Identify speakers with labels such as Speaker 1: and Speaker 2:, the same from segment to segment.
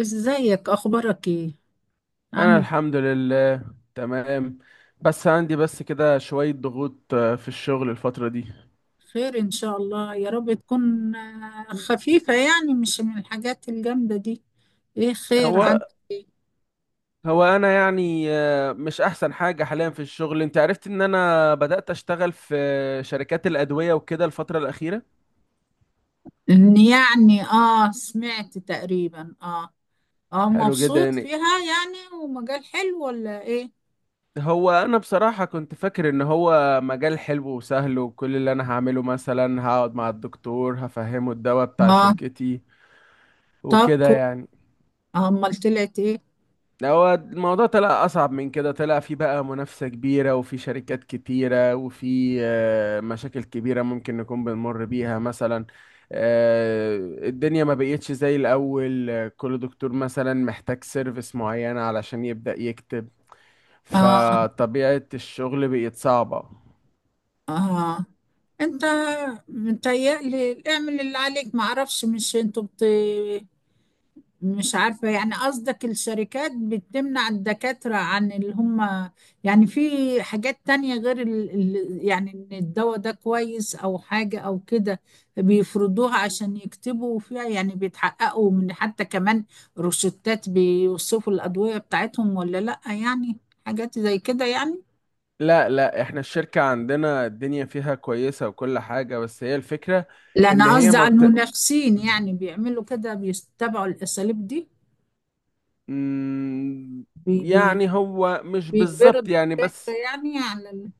Speaker 1: ازيك؟ اخبارك ايه؟
Speaker 2: انا
Speaker 1: عامل؟
Speaker 2: الحمد لله تمام. بس عندي بس كده شوية ضغوط في الشغل الفترة دي.
Speaker 1: خير ان شاء الله، يا رب تكون خفيفة، يعني مش من الحاجات الجامدة دي. ايه؟ خير
Speaker 2: هو
Speaker 1: عندك؟ ايه،
Speaker 2: هو انا يعني مش احسن حاجة حاليا في الشغل. انت عرفت ان انا بدأت اشتغل في شركات الادوية وكده الفترة الاخيرة.
Speaker 1: ان يعني سمعت تقريبا. اه، اه،
Speaker 2: حلو جدا
Speaker 1: مبسوط
Speaker 2: يعني.
Speaker 1: فيها؟ يعني ومجال حلو ولا ايه؟
Speaker 2: هو انا بصراحة كنت فاكر ان هو مجال حلو وسهل، وكل اللي انا هعمله مثلا هقعد مع الدكتور هفهمه الدواء بتاع
Speaker 1: اه،
Speaker 2: شركتي
Speaker 1: طب
Speaker 2: وكده يعني.
Speaker 1: امال طلعت ايه؟
Speaker 2: لا، هو الموضوع طلع أصعب من كده، طلع في بقى منافسة كبيرة وفي شركات كتيرة وفي مشاكل كبيرة ممكن نكون بنمر بيها مثلا. آه، الدنيا ما بقيتش زي الأول، كل دكتور مثلا محتاج سيرفيس معينة علشان يبدأ يكتب.
Speaker 1: اه،
Speaker 2: فطبيعة الشغل بقت صعبة.
Speaker 1: اه، انت متهيألي اعمل اللي عليك، معرفش، مش انتوا بت...؟ مش عارفة، يعني قصدك الشركات بتمنع الدكاترة عن اللي هم، يعني في حاجات تانية غير يعني ان الدواء ده كويس او حاجة او كده بيفرضوها عشان يكتبوا فيها؟ يعني بيتحققوا من حتى كمان روشتات بيوصفوا الأدوية بتاعتهم ولا لأ يعني؟ حاجات زي كده يعني.
Speaker 2: لا لا، احنا الشركة عندنا الدنيا فيها كويسة وكل حاجة، بس هي الفكرة
Speaker 1: لا،
Speaker 2: إن
Speaker 1: انا
Speaker 2: هي
Speaker 1: قصدي
Speaker 2: ما
Speaker 1: على
Speaker 2: بت...
Speaker 1: المنافسين، يعني بيعملوا كده بيتبعوا الأساليب دي؟
Speaker 2: مم،
Speaker 1: بي... بي...
Speaker 2: يعني هو مش
Speaker 1: بيجبروا
Speaker 2: بالظبط يعني.
Speaker 1: الدكاترة
Speaker 2: بس
Speaker 1: يعني على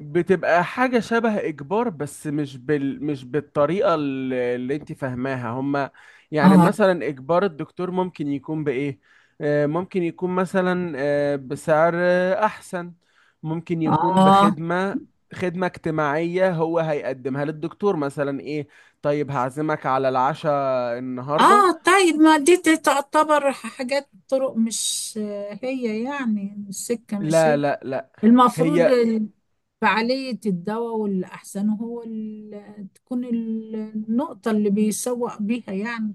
Speaker 2: بتبقى حاجة شبه إجبار، بس مش بالطريقة اللي أنت فاهماها هما. يعني
Speaker 1: اه،
Speaker 2: مثلا إجبار الدكتور ممكن يكون بإيه؟ ممكن يكون مثلا بسعر أحسن. ممكن يكون
Speaker 1: اه،
Speaker 2: بخدمة، خدمة اجتماعية هو هيقدمها للدكتور مثلا. إيه؟ طيب هعزمك على العشاء النهاردة.
Speaker 1: اه، طيب، ما دي تعتبر حاجات، طرق، مش هي يعني السكة، مش
Speaker 2: لا
Speaker 1: هي
Speaker 2: لا لا،
Speaker 1: المفروض
Speaker 2: هي
Speaker 1: فعالية الدواء والأحسن هو تكون النقطة اللي بيسوق بيها يعني.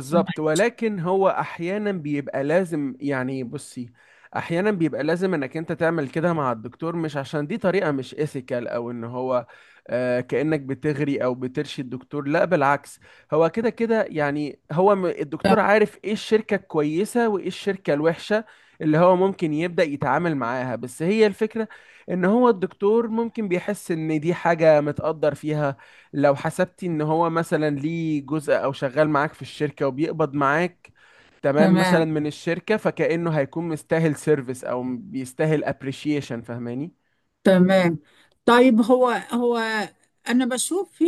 Speaker 1: ثم-
Speaker 2: ولكن هو احيانا بيبقى لازم يعني. بصي، احيانا بيبقى لازم انك انت تعمل كده مع الدكتور، مش عشان دي طريقة مش ايثيكال او ان هو آه كأنك بتغري او بترشي الدكتور، لا بالعكس. هو كده كده يعني، هو الدكتور عارف ايه الشركة الكويسة وايه الشركة الوحشة اللي هو ممكن يبدأ يتعامل معاها. بس هي الفكرة ان هو الدكتور ممكن بيحس ان دي حاجة متقدر فيها، لو حسبتي ان هو مثلا ليه جزء او شغال معاك في الشركة وبيقبض معاك تمام مثلا
Speaker 1: تمام،
Speaker 2: من الشركة، فكأنه هيكون مستاهل سيرفيس او بيستاهل ابريشيشن، فاهماني.
Speaker 1: تمام. طيب، هو انا بشوف في،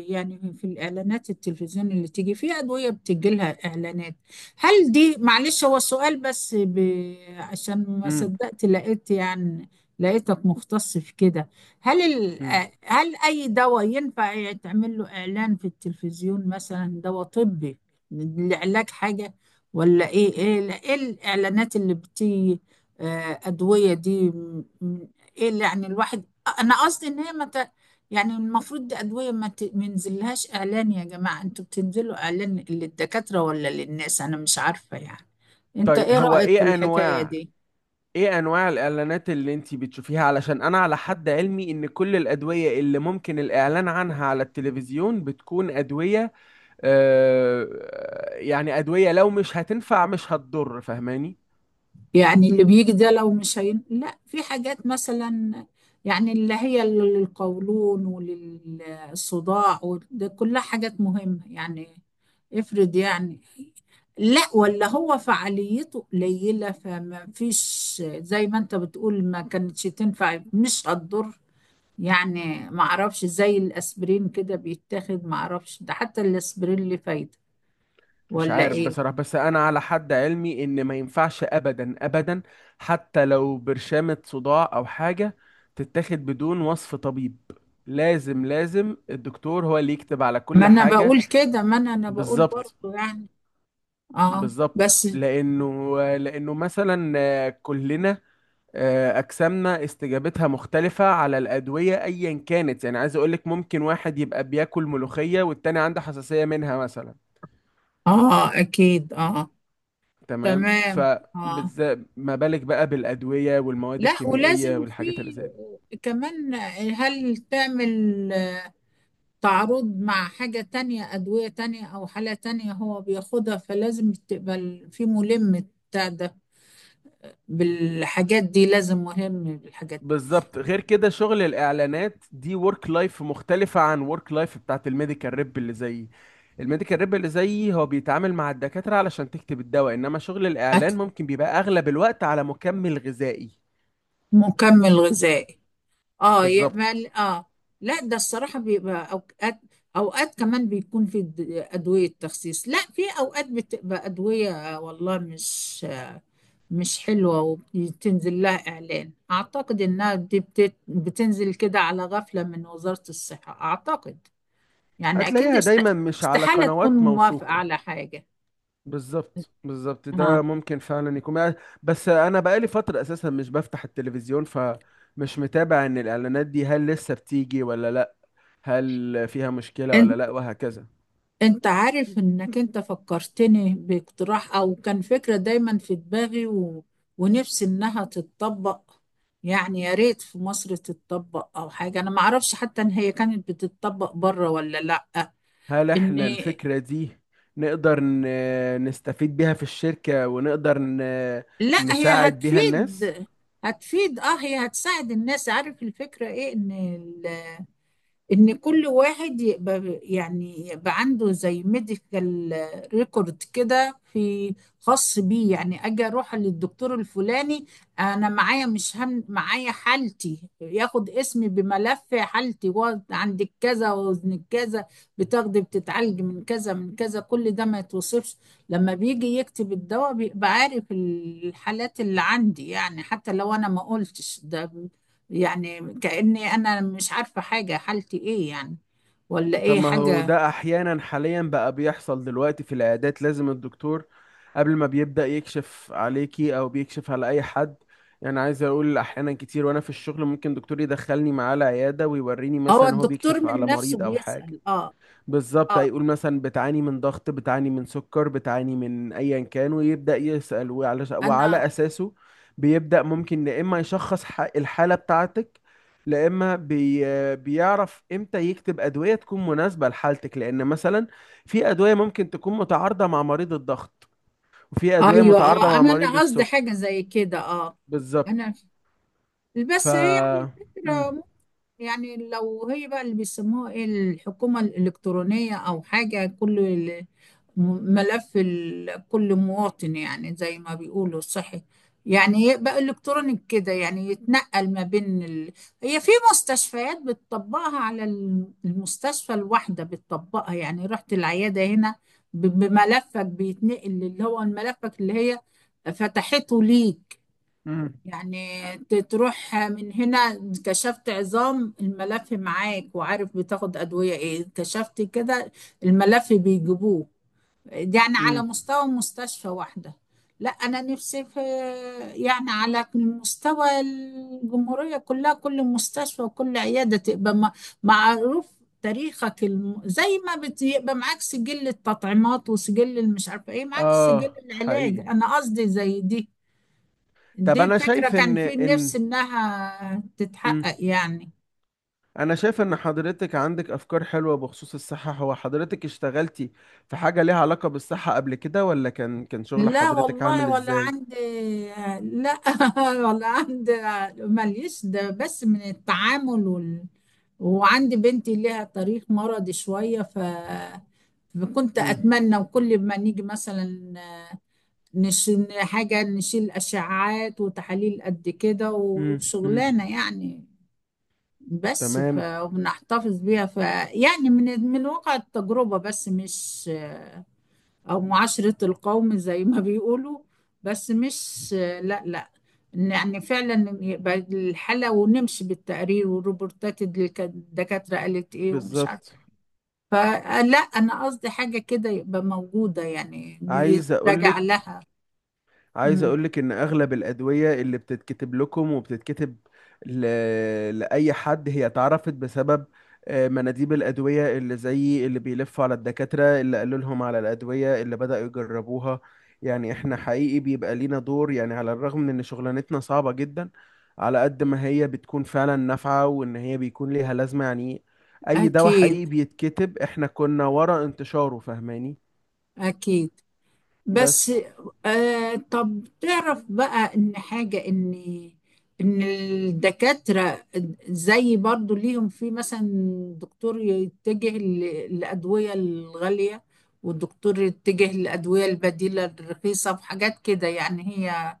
Speaker 1: يعني في الاعلانات التلفزيون اللي تيجي فيها ادويه بتجي لها اعلانات. هل دي، معلش، هو سؤال بس عشان ما
Speaker 2: امم.
Speaker 1: صدقت لقيت، يعني لقيتك مختص في كده. هل
Speaker 2: امم.
Speaker 1: هل اي دواء ينفع يتعمل له اعلان في التلفزيون، مثلا دواء طبي لعلاج حاجه، ولا ايه؟ ايه الاعلانات اللي بتيجي ادويه دي؟ ايه اللي يعني الواحد، انا قصدي ان هي ما ت... يعني المفروض دي ادويه ما ينزلهاش اعلان. يا جماعه، انتوا بتنزلوا اعلان للدكاتره ولا للناس؟ انا مش عارفه يعني. انت
Speaker 2: طيب
Speaker 1: ايه
Speaker 2: هو
Speaker 1: رايك في
Speaker 2: ايه
Speaker 1: الحكايه
Speaker 2: انواع،
Speaker 1: دي؟
Speaker 2: ايه انواع الاعلانات اللي انتي بتشوفيها؟ علشان انا على حد علمي ان كل الادوية اللي ممكن الاعلان عنها على التلفزيون بتكون ادوية آه، يعني ادوية لو مش هتنفع مش هتضر، فاهماني.
Speaker 1: يعني اللي بيجي ده لو مش لا، في حاجات مثلا، يعني اللي هي للقولون وللصداع، وده كلها حاجات مهمة يعني. افرض يعني، لا، ولا هو فعاليته قليلة، فما فيش زي ما انت بتقول ما كانتش تنفع مش هتضر. يعني ما اعرفش زي الاسبرين كده بيتاخد، ما اعرفش ده حتى الاسبرين اللي فايدة
Speaker 2: مش
Speaker 1: ولا
Speaker 2: عارف
Speaker 1: ايه.
Speaker 2: بصراحة، بس أنا على حد علمي إن ما ينفعش أبدا أبدا حتى لو برشامة صداع أو حاجة تتاخد بدون وصف طبيب. لازم لازم الدكتور هو اللي يكتب على
Speaker 1: ما
Speaker 2: كل
Speaker 1: انا
Speaker 2: حاجة.
Speaker 1: بقول كده، ما انا بقول
Speaker 2: بالظبط.
Speaker 1: برضه يعني. اه،
Speaker 2: بالظبط،
Speaker 1: بس.
Speaker 2: لأنه مثلا كلنا أجسامنا استجابتها مختلفة على الأدوية أيا كانت. يعني عايز أقولك ممكن واحد يبقى بياكل ملوخية والتاني عنده حساسية منها مثلا.
Speaker 1: اه، اكيد. اه،
Speaker 2: تمام،
Speaker 1: تمام. اه،
Speaker 2: فبالذات ما بالك بقى بالأدوية والمواد
Speaker 1: لا،
Speaker 2: الكيميائية
Speaker 1: ولازم في
Speaker 2: والحاجات اللي زي دي.
Speaker 1: كمان. هل تعمل تعارض مع حاجة تانية، أدوية تانية أو حالة تانية هو بياخدها، فلازم تبقى في ملم بتاع ده بالحاجات دي، لازم مهم بالحاجات دي.
Speaker 2: بالظبط. غير كده شغل الإعلانات دي ورك لايف مختلفة عن ورك لايف بتاعت الميديكال ريب اللي زيي. الميديكال ريب اللي زيي هو بيتعامل مع الدكاترة علشان تكتب الدواء، إنما شغل
Speaker 1: أكل،
Speaker 2: الإعلان ممكن بيبقى أغلب الوقت على مكمل غذائي.
Speaker 1: مكمل غذائي. اه،
Speaker 2: بالظبط،
Speaker 1: يعمل. اه، لا، ده الصراحة بيبقى اوقات، اوقات كمان بيكون في ادوية تخسيس. لا، في اوقات بتبقى ادوية والله مش حلوة، وبتنزل لها اعلان. اعتقد انها دي بتنزل كده على غفلة من وزارة الصحة، اعتقد. يعني اكيد
Speaker 2: هتلاقيها دايما مش على
Speaker 1: استحالة تكون
Speaker 2: قنوات
Speaker 1: موافقة
Speaker 2: موثوقة.
Speaker 1: على حاجة.
Speaker 2: بالظبط بالظبط،
Speaker 1: اه،
Speaker 2: ده ممكن فعلا يكون يعني. بس انا بقالي فترة اساسا مش بفتح التلفزيون، فمش متابع ان الاعلانات دي هل لسه بتيجي ولا لا، هل فيها مشكلة ولا لا، وهكذا.
Speaker 1: انت عارف انك انت فكرتني باقتراح او كان فكرة دايما في دماغي ونفسي انها تتطبق، يعني يا ريت في مصر تتطبق او حاجة. انا ما اعرفش حتى ان هي كانت بتتطبق بره ولا لا.
Speaker 2: هل
Speaker 1: ان
Speaker 2: احنا الفكرة دي نقدر نستفيد بيها في الشركة ونقدر
Speaker 1: لا، هي
Speaker 2: نساعد بيها الناس؟
Speaker 1: هتفيد. هتفيد، اه، هي هتساعد الناس. عارف الفكرة ايه؟ ان كل واحد يبقى، يعني يبقى عنده زي ميديكال ريكورد كده، في خاص بيه. يعني اجي اروح للدكتور الفلاني انا معايا، مش هم معايا حالتي، ياخد اسمي بملف حالتي، وقعد عندك كذا، وزنك كذا، بتاخدي بتتعالجي من كذا من كذا، كل ده ما يتوصفش. لما بيجي يكتب الدواء بيبقى عارف الحالات اللي عندي، يعني حتى لو انا ما قلتش ده، يعني كأني أنا مش عارفة حاجة حالتي إيه يعني، ولا
Speaker 2: طب
Speaker 1: إيه
Speaker 2: ما هو
Speaker 1: حاجة.
Speaker 2: ده احيانا حاليا بقى بيحصل دلوقتي في العيادات. لازم الدكتور قبل ما بيبدأ يكشف عليكي او بيكشف على اي حد، يعني عايز اقول احيانا كتير وانا في الشغل ممكن دكتور يدخلني معاه العيادة ويوريني
Speaker 1: هو
Speaker 2: مثلا هو
Speaker 1: الدكتور
Speaker 2: بيكشف
Speaker 1: من
Speaker 2: على
Speaker 1: نفسه
Speaker 2: مريض او حاجة.
Speaker 1: بيسأل؟ آه،
Speaker 2: بالظبط،
Speaker 1: آه.
Speaker 2: هيقول مثلا بتعاني من ضغط، بتعاني من سكر، بتعاني من ايا كان، ويبدأ يسأل، وعلى
Speaker 1: أنا،
Speaker 2: وعلى اساسه بيبدأ ممكن يا اما يشخص الحالة بتاعتك، لا اما بي بيعرف امتى يكتب ادوية تكون مناسبة لحالتك، لان مثلا في ادوية ممكن تكون متعارضة مع مريض الضغط، وفي ادوية
Speaker 1: أيوه،
Speaker 2: متعارضة مع
Speaker 1: أنا
Speaker 2: مريض
Speaker 1: أنا قصدي
Speaker 2: السكر.
Speaker 1: حاجة زي كده.
Speaker 2: بالظبط.
Speaker 1: أنا،
Speaker 2: ف،
Speaker 1: بس هي يعني
Speaker 2: امم.
Speaker 1: الفكرة ممكن، يعني لو هي بقى اللي بيسموها إيه، الحكومة الإلكترونية أو حاجة، كله ملف كل مواطن، يعني زي ما بيقولوا صحي، يعني يبقى الكترونيك كده، يعني يتنقل ما بين هي في مستشفيات بتطبقها على المستشفى الواحده بتطبقها. يعني رحت العياده هنا، بملفك بيتنقل اللي هو ملفك اللي هي فتحته ليك.
Speaker 2: امم.
Speaker 1: يعني تروح من هنا كشفت عظام، الملف معاك وعارف بتاخد ادويه ايه، كشفت كده الملف بيجيبوه. يعني على
Speaker 2: امم.
Speaker 1: مستوى مستشفى واحدة. لا، أنا نفسي في، يعني على مستوى الجمهورية كلها، كل مستشفى وكل عيادة تبقى معروف تاريخك زي ما يبقى معاك سجل التطعيمات، وسجل المش عارفة ايه، معاك سجل
Speaker 2: اه
Speaker 1: العلاج.
Speaker 2: حقيقي.
Speaker 1: أنا قصدي زي دي،
Speaker 2: طب
Speaker 1: دي
Speaker 2: انا
Speaker 1: فكرة
Speaker 2: شايف
Speaker 1: كان
Speaker 2: ان
Speaker 1: في
Speaker 2: ان
Speaker 1: نفسي إنها تتحقق
Speaker 2: مم.
Speaker 1: يعني.
Speaker 2: انا شايف ان حضرتك عندك افكار حلوة بخصوص الصحة. هو حضرتك اشتغلتي في حاجة ليها علاقة بالصحة قبل كده، ولا كان شغل
Speaker 1: لا
Speaker 2: حضرتك
Speaker 1: والله،
Speaker 2: عامل
Speaker 1: ولا
Speaker 2: ازاي؟
Speaker 1: عندي. لا ولا عندي، ماليش. ده بس من التعامل وعندي بنتي لها طريق مرضي شوية، فكنت
Speaker 2: امم.
Speaker 1: أتمنى، وكل ما نيجي مثلا نشيل حاجة، نشيل أشعاعات وتحاليل قد كده
Speaker 2: امم.
Speaker 1: وشغلانة يعني. بس
Speaker 2: تمام.
Speaker 1: وبنحتفظ بيها يعني من واقع التجربة، بس مش، او معاشرة القوم زي ما بيقولوا. بس مش، لا، لا، إن يعني فعلا يبقى الحالة ونمشي بالتقرير والروبورتات اللي كانت الدكاترة قالت ايه، ومش
Speaker 2: بالظبط.
Speaker 1: عارفة، فلا، انا قصدي حاجة كده يبقى موجودة، يعني
Speaker 2: عايز
Speaker 1: بيتراجع
Speaker 2: اقولك
Speaker 1: لها.
Speaker 2: عايز
Speaker 1: امم
Speaker 2: اقولك ان اغلب الادويه اللي بتتكتب لكم وبتتكتب ل... لاي حد، هي اتعرفت بسبب مناديب الادويه اللي زي اللي بيلفوا على الدكاتره، اللي قالوا لهم على الادويه اللي بداوا يجربوها. يعني احنا حقيقي بيبقى لينا دور يعني، على الرغم من ان شغلانتنا صعبه جدا، على قد ما هي بتكون فعلا نافعه، وان هي بيكون ليها لازمه يعني. اي دواء
Speaker 1: اكيد،
Speaker 2: حقيقي بيتكتب احنا كنا ورا انتشاره، فاهماني.
Speaker 1: اكيد. بس
Speaker 2: بس.
Speaker 1: طب تعرف بقى ان حاجة، ان الدكاترة زي برضو ليهم في، مثلا دكتور يتجه للأدوية الغالية، والدكتور يتجه للأدوية البديلة الرخيصة وحاجات كده يعني. هي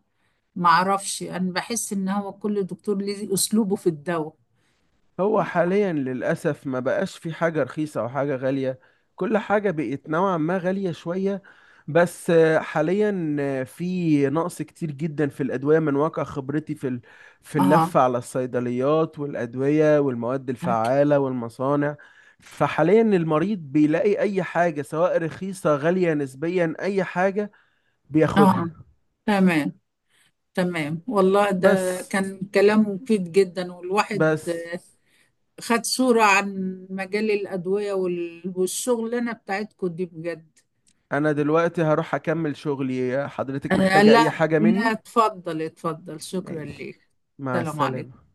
Speaker 1: معرفش، أنا بحس إن هو كل دكتور ليه أسلوبه في الدواء.
Speaker 2: هو حاليا للأسف ما بقاش في حاجة رخيصة أو حاجة غالية، كل حاجة بقت نوعا ما غالية شوية. بس حاليا في نقص كتير جدا في الأدوية من واقع خبرتي في
Speaker 1: اه،
Speaker 2: اللفة على الصيدليات والأدوية والمواد
Speaker 1: أكيد.
Speaker 2: الفعالة والمصانع. فحاليا المريض بيلاقي أي حاجة، سواء رخيصة غالية نسبيا، أي حاجة
Speaker 1: اه،
Speaker 2: بياخدها.
Speaker 1: تمام، تمام. والله ده
Speaker 2: بس.
Speaker 1: كان كلام مفيد جدا، والواحد
Speaker 2: بس.
Speaker 1: خد صورة عن مجال الأدوية والشغلانة بتاعتكم دي بجد.
Speaker 2: أنا دلوقتي هروح أكمل شغلي، حضرتك محتاجة
Speaker 1: لا،
Speaker 2: أي حاجة
Speaker 1: لا،
Speaker 2: مني؟
Speaker 1: اتفضل، اتفضل، شكرا
Speaker 2: ماشي،
Speaker 1: ليك.
Speaker 2: مع
Speaker 1: السلام عليكم.
Speaker 2: السلامة.